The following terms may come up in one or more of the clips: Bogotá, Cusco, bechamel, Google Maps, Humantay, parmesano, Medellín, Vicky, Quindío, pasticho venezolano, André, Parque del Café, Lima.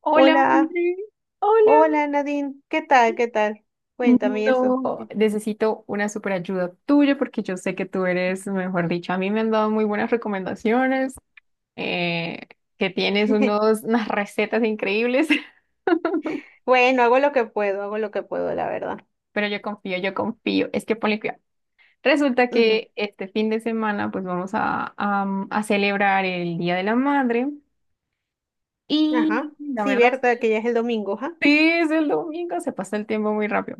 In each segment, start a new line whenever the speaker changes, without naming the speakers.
Hola,
Hola,
André. Hola.
hola Nadine, ¿qué tal? ¿Qué tal? Cuéntame eso.
No, necesito una super ayuda tuya porque yo sé que tú eres, mejor dicho, a mí me han dado muy buenas recomendaciones, eh, que tienes unas recetas increíbles,
Bueno, hago lo que puedo, hago lo que puedo, la verdad.
pero yo confío, yo confío. Es que ponle cuidado. Resulta
Ujú.
que este fin de semana pues vamos a celebrar el Día de la Madre
Ajá,
y la
sí,
verdad es
verdad
que
que ya es el domingo, ja,
sí, es el domingo, se pasa el tiempo muy rápido.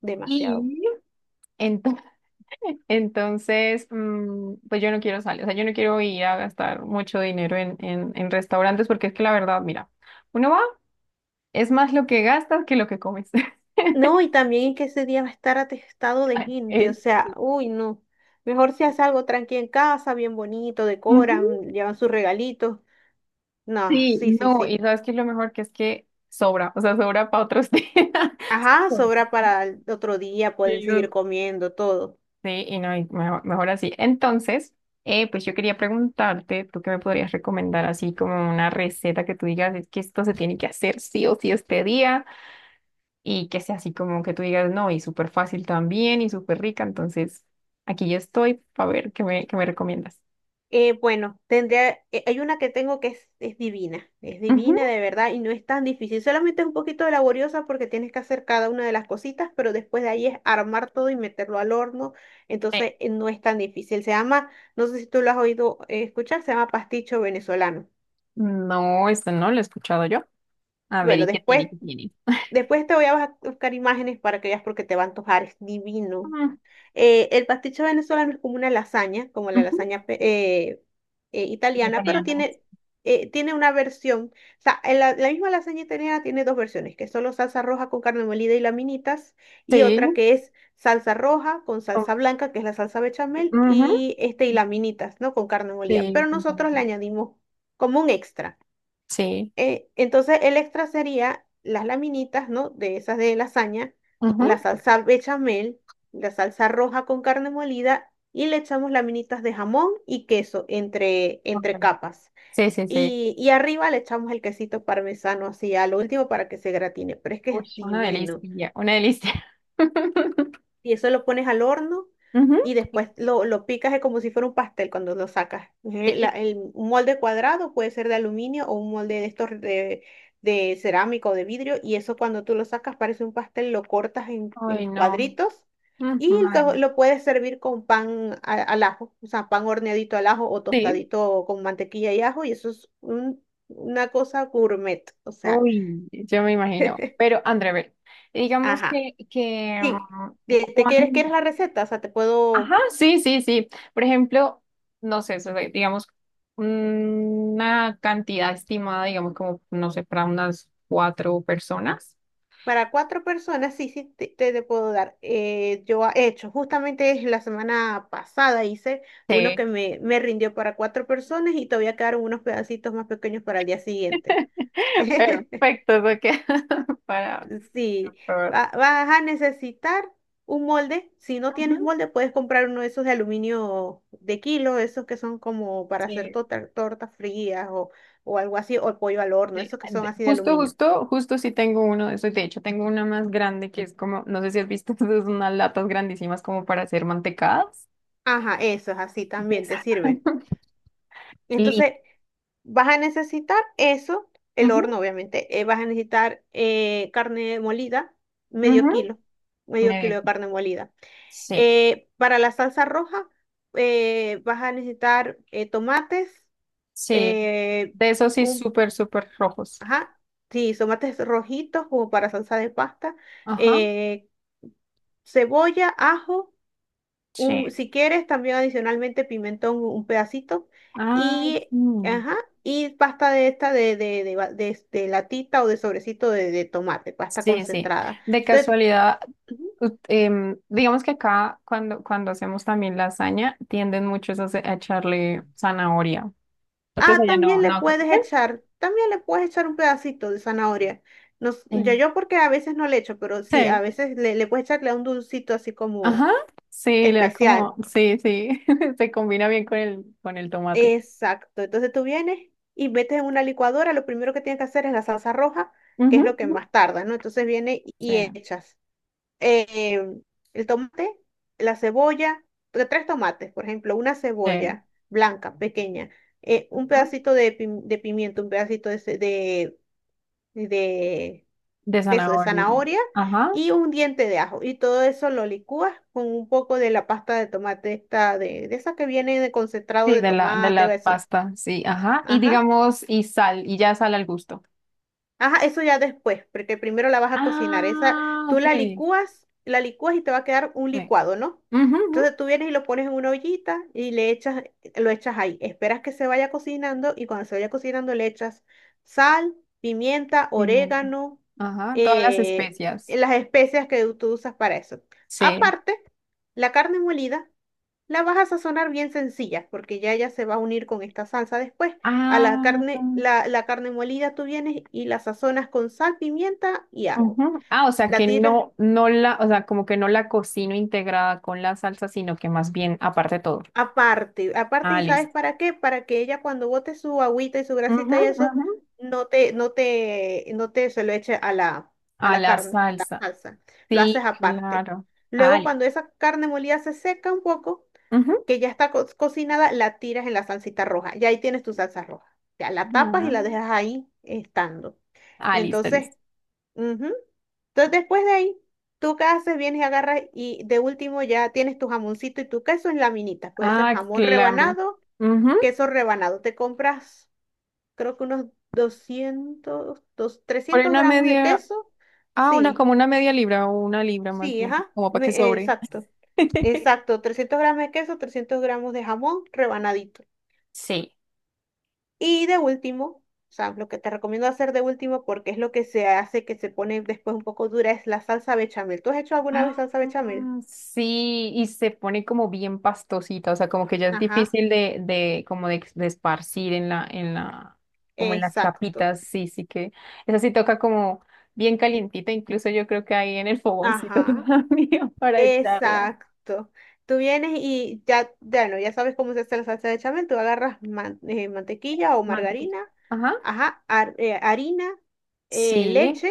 demasiado.
Y entonces. Entonces, pues yo no quiero salir, o sea, yo no quiero ir a gastar mucho dinero en restaurantes porque es que la verdad, mira, uno va, es más lo que gastas que lo que comes.
No, y también que ese día va a estar atestado de
Ay,
gente, o sea,
Sí.
uy, no. Mejor si haces algo tranqui en casa, bien bonito,
Ujú.
decoran, llevan sus regalitos. No,
Sí,
sí, sí,
no, y
sí.
sabes que lo mejor que es que sobra, o sea, sobra para otros días.
Ajá,
Sobra.
sobra para el otro día, pueden
Y
seguir
luego-
comiendo todo.
Sí, y no, y mejor, mejor así. Entonces, pues yo quería preguntarte, ¿tú qué me podrías recomendar así como una receta que tú digas, es que esto se tiene que hacer sí o sí este día? Y que sea así como que tú digas, no, y súper fácil también y súper rica. Entonces, aquí yo estoy para ver qué me recomiendas.
Bueno, tendría, hay una que tengo que es divina, es divina
Ujú.
de verdad y no es tan difícil, solamente es un poquito laboriosa porque tienes que hacer cada una de las cositas, pero después de ahí es armar todo y meterlo al horno,
Eh,
entonces no es tan difícil. Se llama, no sé si tú lo has oído escuchar, se llama pasticho venezolano.
No, este no lo he escuchado yo. A ver,
Bueno,
¿y qué tiene? ¿Qué tiene?
después te voy a buscar imágenes para que veas porque te va a antojar, es divino.
Ah,
El pasticho venezolano es como una lasaña, como la
ujú.
lasaña italiana, pero
Vegetarianas.
tiene una versión, o sea, en la misma lasaña italiana tiene dos versiones, que es solo salsa roja con carne molida y laminitas, y
Sí.
otra que es salsa roja con
Oh,
salsa blanca, que es la salsa bechamel,
ujú.
y, este, y laminitas, ¿no? Con carne molida.
Sí,
Pero nosotros le añadimos como un extra.
Sí.
Entonces el extra sería las laminitas, ¿no? De esas de lasaña,
Ujú.
la salsa bechamel, la salsa roja con carne molida y le echamos laminitas de jamón y queso entre, entre
Colofón.
capas.
Sí, sí, sí.
Y arriba le echamos el quesito parmesano así a lo último para que se gratine, pero es que
Uy,
es
una
divino
delicia, una delicia.
y eso lo pones al horno y
Ujú.
después lo picas como si fuera un pastel cuando lo sacas.
Sí,
Un molde cuadrado puede ser de aluminio o un molde de estos de cerámica o de vidrio y eso cuando tú lo sacas parece un pastel, lo cortas en
ay, no.
cuadritos
Ujú.
y lo,
Madre.
lo puedes servir con pan al ajo, o sea, pan horneadito al ajo o
Sí.
tostadito con mantequilla y ajo y eso es una cosa gourmet, o sea,
Uy, yo me imagino. Pero, André, a ver, digamos
ajá.
que
Sí, ¿te quieres, quieres la receta? O sea, te
Ajá,
puedo...
sí, sí, sí. Por ejemplo, no sé, digamos, una cantidad estimada, digamos, como, no sé, para unas cuatro personas.
Para cuatro personas, sí, sí, te puedo dar. Yo he hecho, justamente la semana pasada hice uno
Sí,
que me rindió para cuatro personas y todavía quedaron unos pedacitos más pequeños para el día siguiente.
perfecto, eso queda para
Sí,
probar.
vas a necesitar un molde. Si no
Ajá,
tienes molde, puedes comprar uno de esos de aluminio de kilo, esos que son como para hacer
sí,
tortas frías o algo así, o pollo al horno,
sí.
esos que son así de
Justo,
aluminio.
justo, justo sí tengo uno de esos. De hecho, tengo una más grande que es como, no sé si has visto, esas son unas latas grandísimas como para hacer mantecadas.
Ajá, esos así también te sirven.
Exacto. Listo.
Entonces, vas a necesitar eso, el
Ujú,
horno, obviamente. Vas a necesitar carne molida, medio
ujú,
kilo, medio kilo
medio.
de carne molida.
Sí,
Para la salsa roja, vas a necesitar tomates,
sí.
eh,
De esos sí,
un,
súper, súper rojos.
ajá, sí, tomates rojitos como para salsa de pasta,
Ajá.
eh, cebolla, ajo.
Sí.
Si quieres, también adicionalmente pimentón, un pedacito,
Ay,
y,
sí.
ajá, y pasta de esta de latita o de sobrecito de tomate, pasta
Sí, sí.
concentrada.
De
Entonces,
casualidad,
ujú.
ut- digamos que acá cuando hacemos también lasaña, tienden muchos a, a echarle zanahoria. Entonces
Ah,
allá no,
también le
no.
puedes
¿Qué?
echar, también le puedes echar un pedacito de zanahoria. No,
Eh,
yo porque a veces no le echo, pero sí, a
Sí.
veces le puedes echarle un dulcito así como
Ajá. Sí, le da
especial.
como, sí, sí. Se combina bien con el tomate.
Exacto. Entonces tú vienes y metes en una licuadora, lo primero que tienes que hacer es la salsa roja, que es
Ujú,
lo que
ujú.
más tarda, ¿no? Entonces viene
Sí.
y echas eh, el tomate, la cebolla, tres tomates, por ejemplo, una
Sí.
cebolla blanca, pequeña, un pedacito de pimiento, un pedacito de,
De
de eso, de
zanahoria.
zanahoria
Ajá.
y un diente de ajo. Y todo eso lo licúas con un poco de la pasta de tomate, esta de esa que viene de concentrado
Sí,
de
de
tomate o
la
eso.
pasta, sí, ajá. Y
Ajá.
digamos, y sal, y ya sal al gusto.
Ajá, eso ya después, porque primero la vas a cocinar. Esa,
Ah,
tú
ok. Sí.
la licúas y te va a quedar un licuado, ¿no?
Ujú, ujú.
Entonces tú vienes y lo pones en una ollita y le echas, lo echas ahí. Esperas que se vaya cocinando y cuando se vaya cocinando le echas sal, pimienta,
Pimienta.
orégano,
Ajá, todas las
eh,
especias.
las especias que tú usas para eso.
Sí.
Aparte, la carne molida. La vas a sazonar bien sencilla, porque ya se va a unir con esta salsa después. A la
Ah,
carne, la carne molida tú vienes y la sazonas con sal, pimienta y ajo.
ujú. Ah, o sea
La
que
tiras
no, no la, o sea, como que no la cocino integrada con la salsa, sino que más bien aparte de todo.
aparte,
Ah,
¿y sabes
listo.
para qué? Para que ella cuando bote su agüita y su
Ujú,
grasita y eso,
ujú.
no te se lo eche a la, a
A
la
la
carne, a la
salsa.
salsa. Lo haces
Sí,
aparte.
claro. Ah,
Luego, cuando esa carne molida se seca un poco,
ujú.
que ya está cocinada, la tiras en la salsita roja. Y ahí tienes tu salsa roja. Ya la tapas y la
Ah,
dejas ahí estando.
ah, listo,
Entonces,
listo.
ujú. Entonces después de ahí, tú qué haces, vienes y agarras y de último ya tienes tu jamoncito y tu queso en laminitas. Puede ser
Ah,
jamón
claro.
rebanado,
Ujú.
queso rebanado. Te compras, creo que unos
Por ahí
300
una
gramos de
media,
queso.
una
Sí,
como una media libra o una libra más
sí,
bien,
ajá,
como para que sobre.
exacto. Exacto, 300 gramos de queso, 300 gramos de jamón rebanadito.
Sí.
Y de último, o sea, lo que te recomiendo hacer de último, porque es lo que se hace que se pone después un poco dura, es la salsa bechamel. ¿Tú has hecho alguna vez
Ah,
salsa bechamel?
sí, y se pone como bien pastosita, o sea, como que ya es
Ajá,
difícil de como de esparcir en la, como en las
exacto.
capitas, sí, sí que, esa sí toca como bien calientita, incluso yo creo que ahí en el fogoncito
Ajá,
todavía para echarla.
exacto. Tú vienes y ya, ya no, ya sabes cómo se hace la salsa de bechamel. Tú agarras mantequilla o
Mantequilla.
margarina,
Ajá,
ajá, harina,
sí,
leche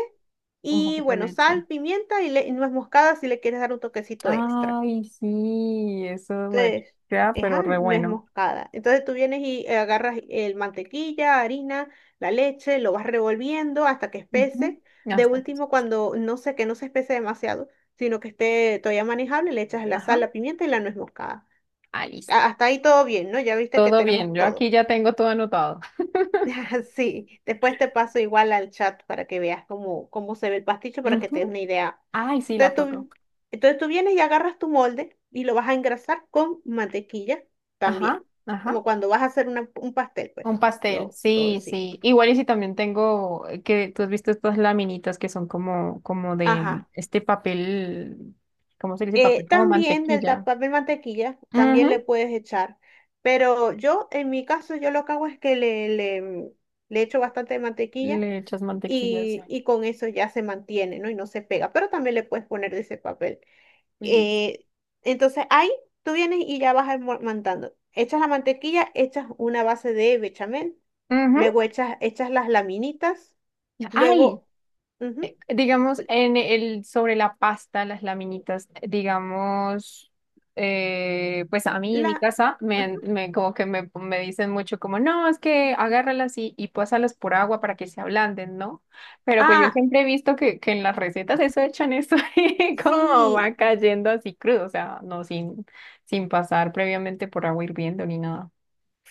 un
y
poquito de
bueno,
leche.
sal, pimienta y nuez moscada si le quieres dar un toquecito extra.
Ay, sí, eso bueno,
Entonces,
ya, pero
esa
re
no es
bueno.
moscada. Entonces tú vienes y agarras el mantequilla, harina, la leche, lo vas revolviendo hasta que
Ujú,
espese.
ya
De
está.
último, cuando no sé que no se espese demasiado, sino que esté todavía manejable, le echas la
Ajá.
sal, la pimienta y la nuez moscada.
Ah, listo.
Hasta ahí todo bien, ¿no? Ya viste que
Todo bien,
tenemos
yo aquí
todo.
ya tengo todo anotado.
Sí, después te paso igual al chat para que veas cómo, cómo se ve el pasticho, para que te des
Ujú.
una idea.
Ay, sí, la
Entonces
foto.
tú, entonces tú vienes y agarras tu molde y lo vas a engrasar con mantequilla
Ajá,
también,
ajá.
como cuando vas a hacer un pastel, pues,
Un pastel,
lo, todo
sí,
sí.
sí. Igual y si también tengo, que tú has visto estas laminitas que son como de
Ajá.
este papel, ¿cómo se dice? Papel como
También
mantequilla.
papel mantequilla, también le
Ujú.
puedes echar, pero yo, en mi caso, yo lo que hago es que le echo bastante mantequilla
Le echas mantequilla, sí.
y con eso ya se mantiene, ¿no? Y no se pega, pero también le puedes poner de ese papel.
Listo.
Eh, entonces ahí tú vienes y ya vas mandando. Echas la mantequilla, echas una base de bechamel,
Ujú.
luego echas las laminitas,
Ay,
luego... ujú,
digamos, sobre la pasta, las laminitas, digamos, pues a mí en mi
la,
casa
ajá.
como que me dicen mucho como, no, es que agárralas y pásalas por agua para que se ablanden, ¿no? Pero pues yo
Ah,
siempre he visto que en las recetas eso echan eso y como
sí,
va cayendo así crudo, o sea, no sin, sin pasar previamente por agua hirviendo ni nada.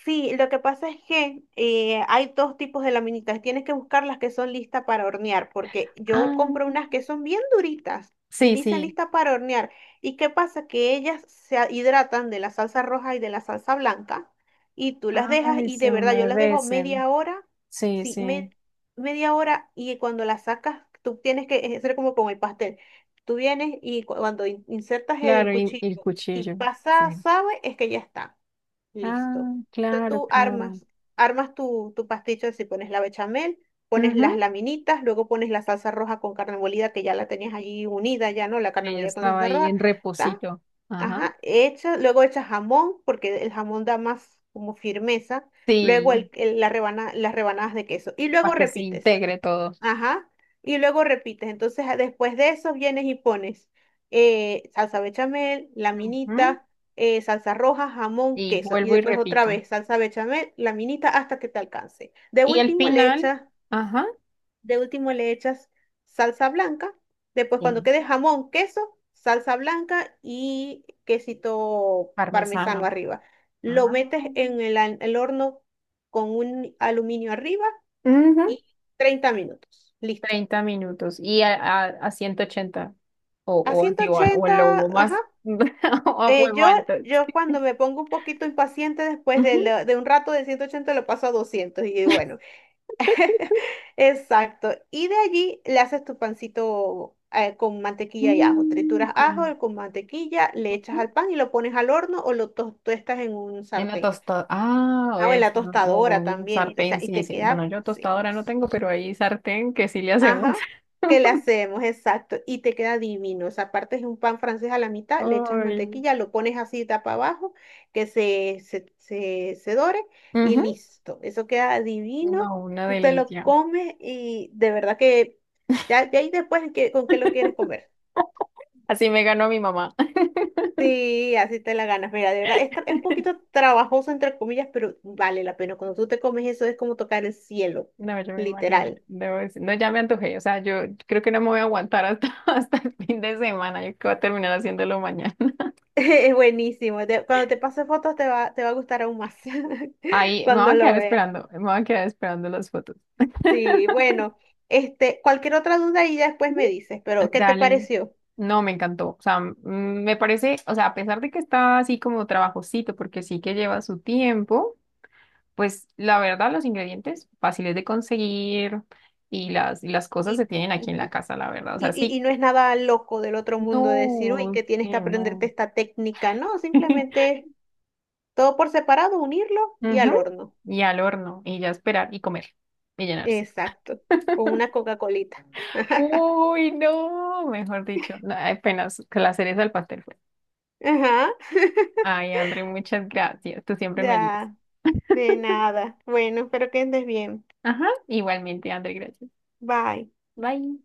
sí, lo que pasa es que hay dos tipos de laminitas. Tienes que buscar las que son listas para hornear, porque yo compro
Ah,
unas que son bien duritas y
sí,
dicen
sí.
listas para hornear. ¿Y qué pasa? Que ellas se hidratan de la salsa roja y de la salsa blanca y tú las dejas
Ay,
y de
se
verdad yo las dejo
humedecen.
media hora,
Sí,
sí,
sí.
media hora y cuando las sacas tú tienes que hacer como con el pastel. Tú vienes y cuando insertas el
Claro, y el
cuchillo y
cuchillo.
pasa,
Sí.
sabe, es que ya está. Listo.
Ah,
Entonces
claro,
tú
claro.
armas, tu pasticho así, pones la bechamel, pones las
Ujú.
laminitas, luego pones la salsa roja con carne molida, que ya la tenías allí unida, ya no, la
Y
carne
ella
molida con
estaba
salsa
ahí
roja,
en
¿está?
reposito. Ajá.
Ajá, hecha, luego echas jamón, porque el jamón da más como firmeza, luego
Sí,
las rebanadas de queso, y luego
para que se
repites.
integre todo.
Ajá. Y luego repites. Entonces, después de eso vienes y pones salsa bechamel,
Ujú.
laminita, salsa roja, jamón,
Y
queso. Y
vuelvo y
después otra
repito.
vez salsa bechamel, laminita, hasta que te alcance.
Y el final, ajá,
De último le echas salsa blanca. Después cuando
sí,
quede jamón, queso, salsa blanca y quesito parmesano
parmesano.
arriba. Lo
Ah.
metes en el horno con un aluminio arriba
Ujú.
y 30 minutos. Listo.
30 minutos y a 180 o,
A ciento
o el
ochenta
lobo
ajá.
más o a
Eh,
fuego
yo,
alto.
yo cuando me pongo un poquito impaciente después
Ujú.
de un rato de 180 lo paso a 200 y digo, bueno, exacto. Y de allí le haces tu pancito con mantequilla y ajo.
Mm,
Trituras
con-
ajo con mantequilla, le echas al pan y lo pones al horno o lo tostas en un
En la
sartén.
tostadora. Ah, o
Ah, o en
es
la
un
tostadora
un
también. O sea,
sartén,
y
sí,
te
sí. Bueno,
queda,
yo
sí,
tostadora no tengo, pero hay sartén que sí le hacemos.
Ajá, que le hacemos, exacto, y te queda divino. O sea, partes un pan francés a la mitad, le echas
Ay.
mantequilla, lo pones así tapa abajo, que se dore y
Ujú.
listo. Eso queda divino,
No, una
tú te lo
delicia.
comes y de verdad que ya de ahí después con qué lo quieres comer.
Así me ganó mi mamá.
Sí, así te la ganas. Mira, de verdad, es, es un poquito trabajoso entre comillas, pero vale la pena. Cuando tú te comes eso es como tocar el cielo,
No, yo me imagino.
literal.
No, ya me antojé. O sea, yo creo que no me voy a aguantar hasta, hasta el fin de semana. Yo creo que voy a terminar haciéndolo mañana.
Es buenísimo. Cuando te pase fotos te va a gustar aún más
Ahí me voy
cuando
a
lo
quedar
veas.
esperando. Me voy a quedar esperando las fotos.
Sí, bueno, cualquier otra duda y ya después me dices, pero ¿qué te
Dale.
pareció?
No, me encantó. O sea, me parece, o sea, a pesar de que está así como trabajosito, porque sí que lleva su tiempo, pues la verdad los ingredientes fáciles de conseguir y las cosas se
Y,
tienen aquí en la
ujú,
casa, la verdad. O
y,
sea,
y-
sí.
y no es nada loco del otro mundo de decir, uy,
No,
que tienes que
sí,
aprenderte
no.
esta técnica, no, simplemente es todo por separado, unirlo y al
Ujú.
horno.
Y al horno, y ya esperar y comer y llenarse.
Exacto, con una Coca-Colita.
Uy, no, mejor dicho, no, apenas que la cereza del pastel fue.
Ajá,
Ay, André, muchas gracias. Tú siempre me ayudas.
ya, de nada. Bueno, espero que andes bien.
Ajá, igualmente, André, gracias.
Bye.
Bye.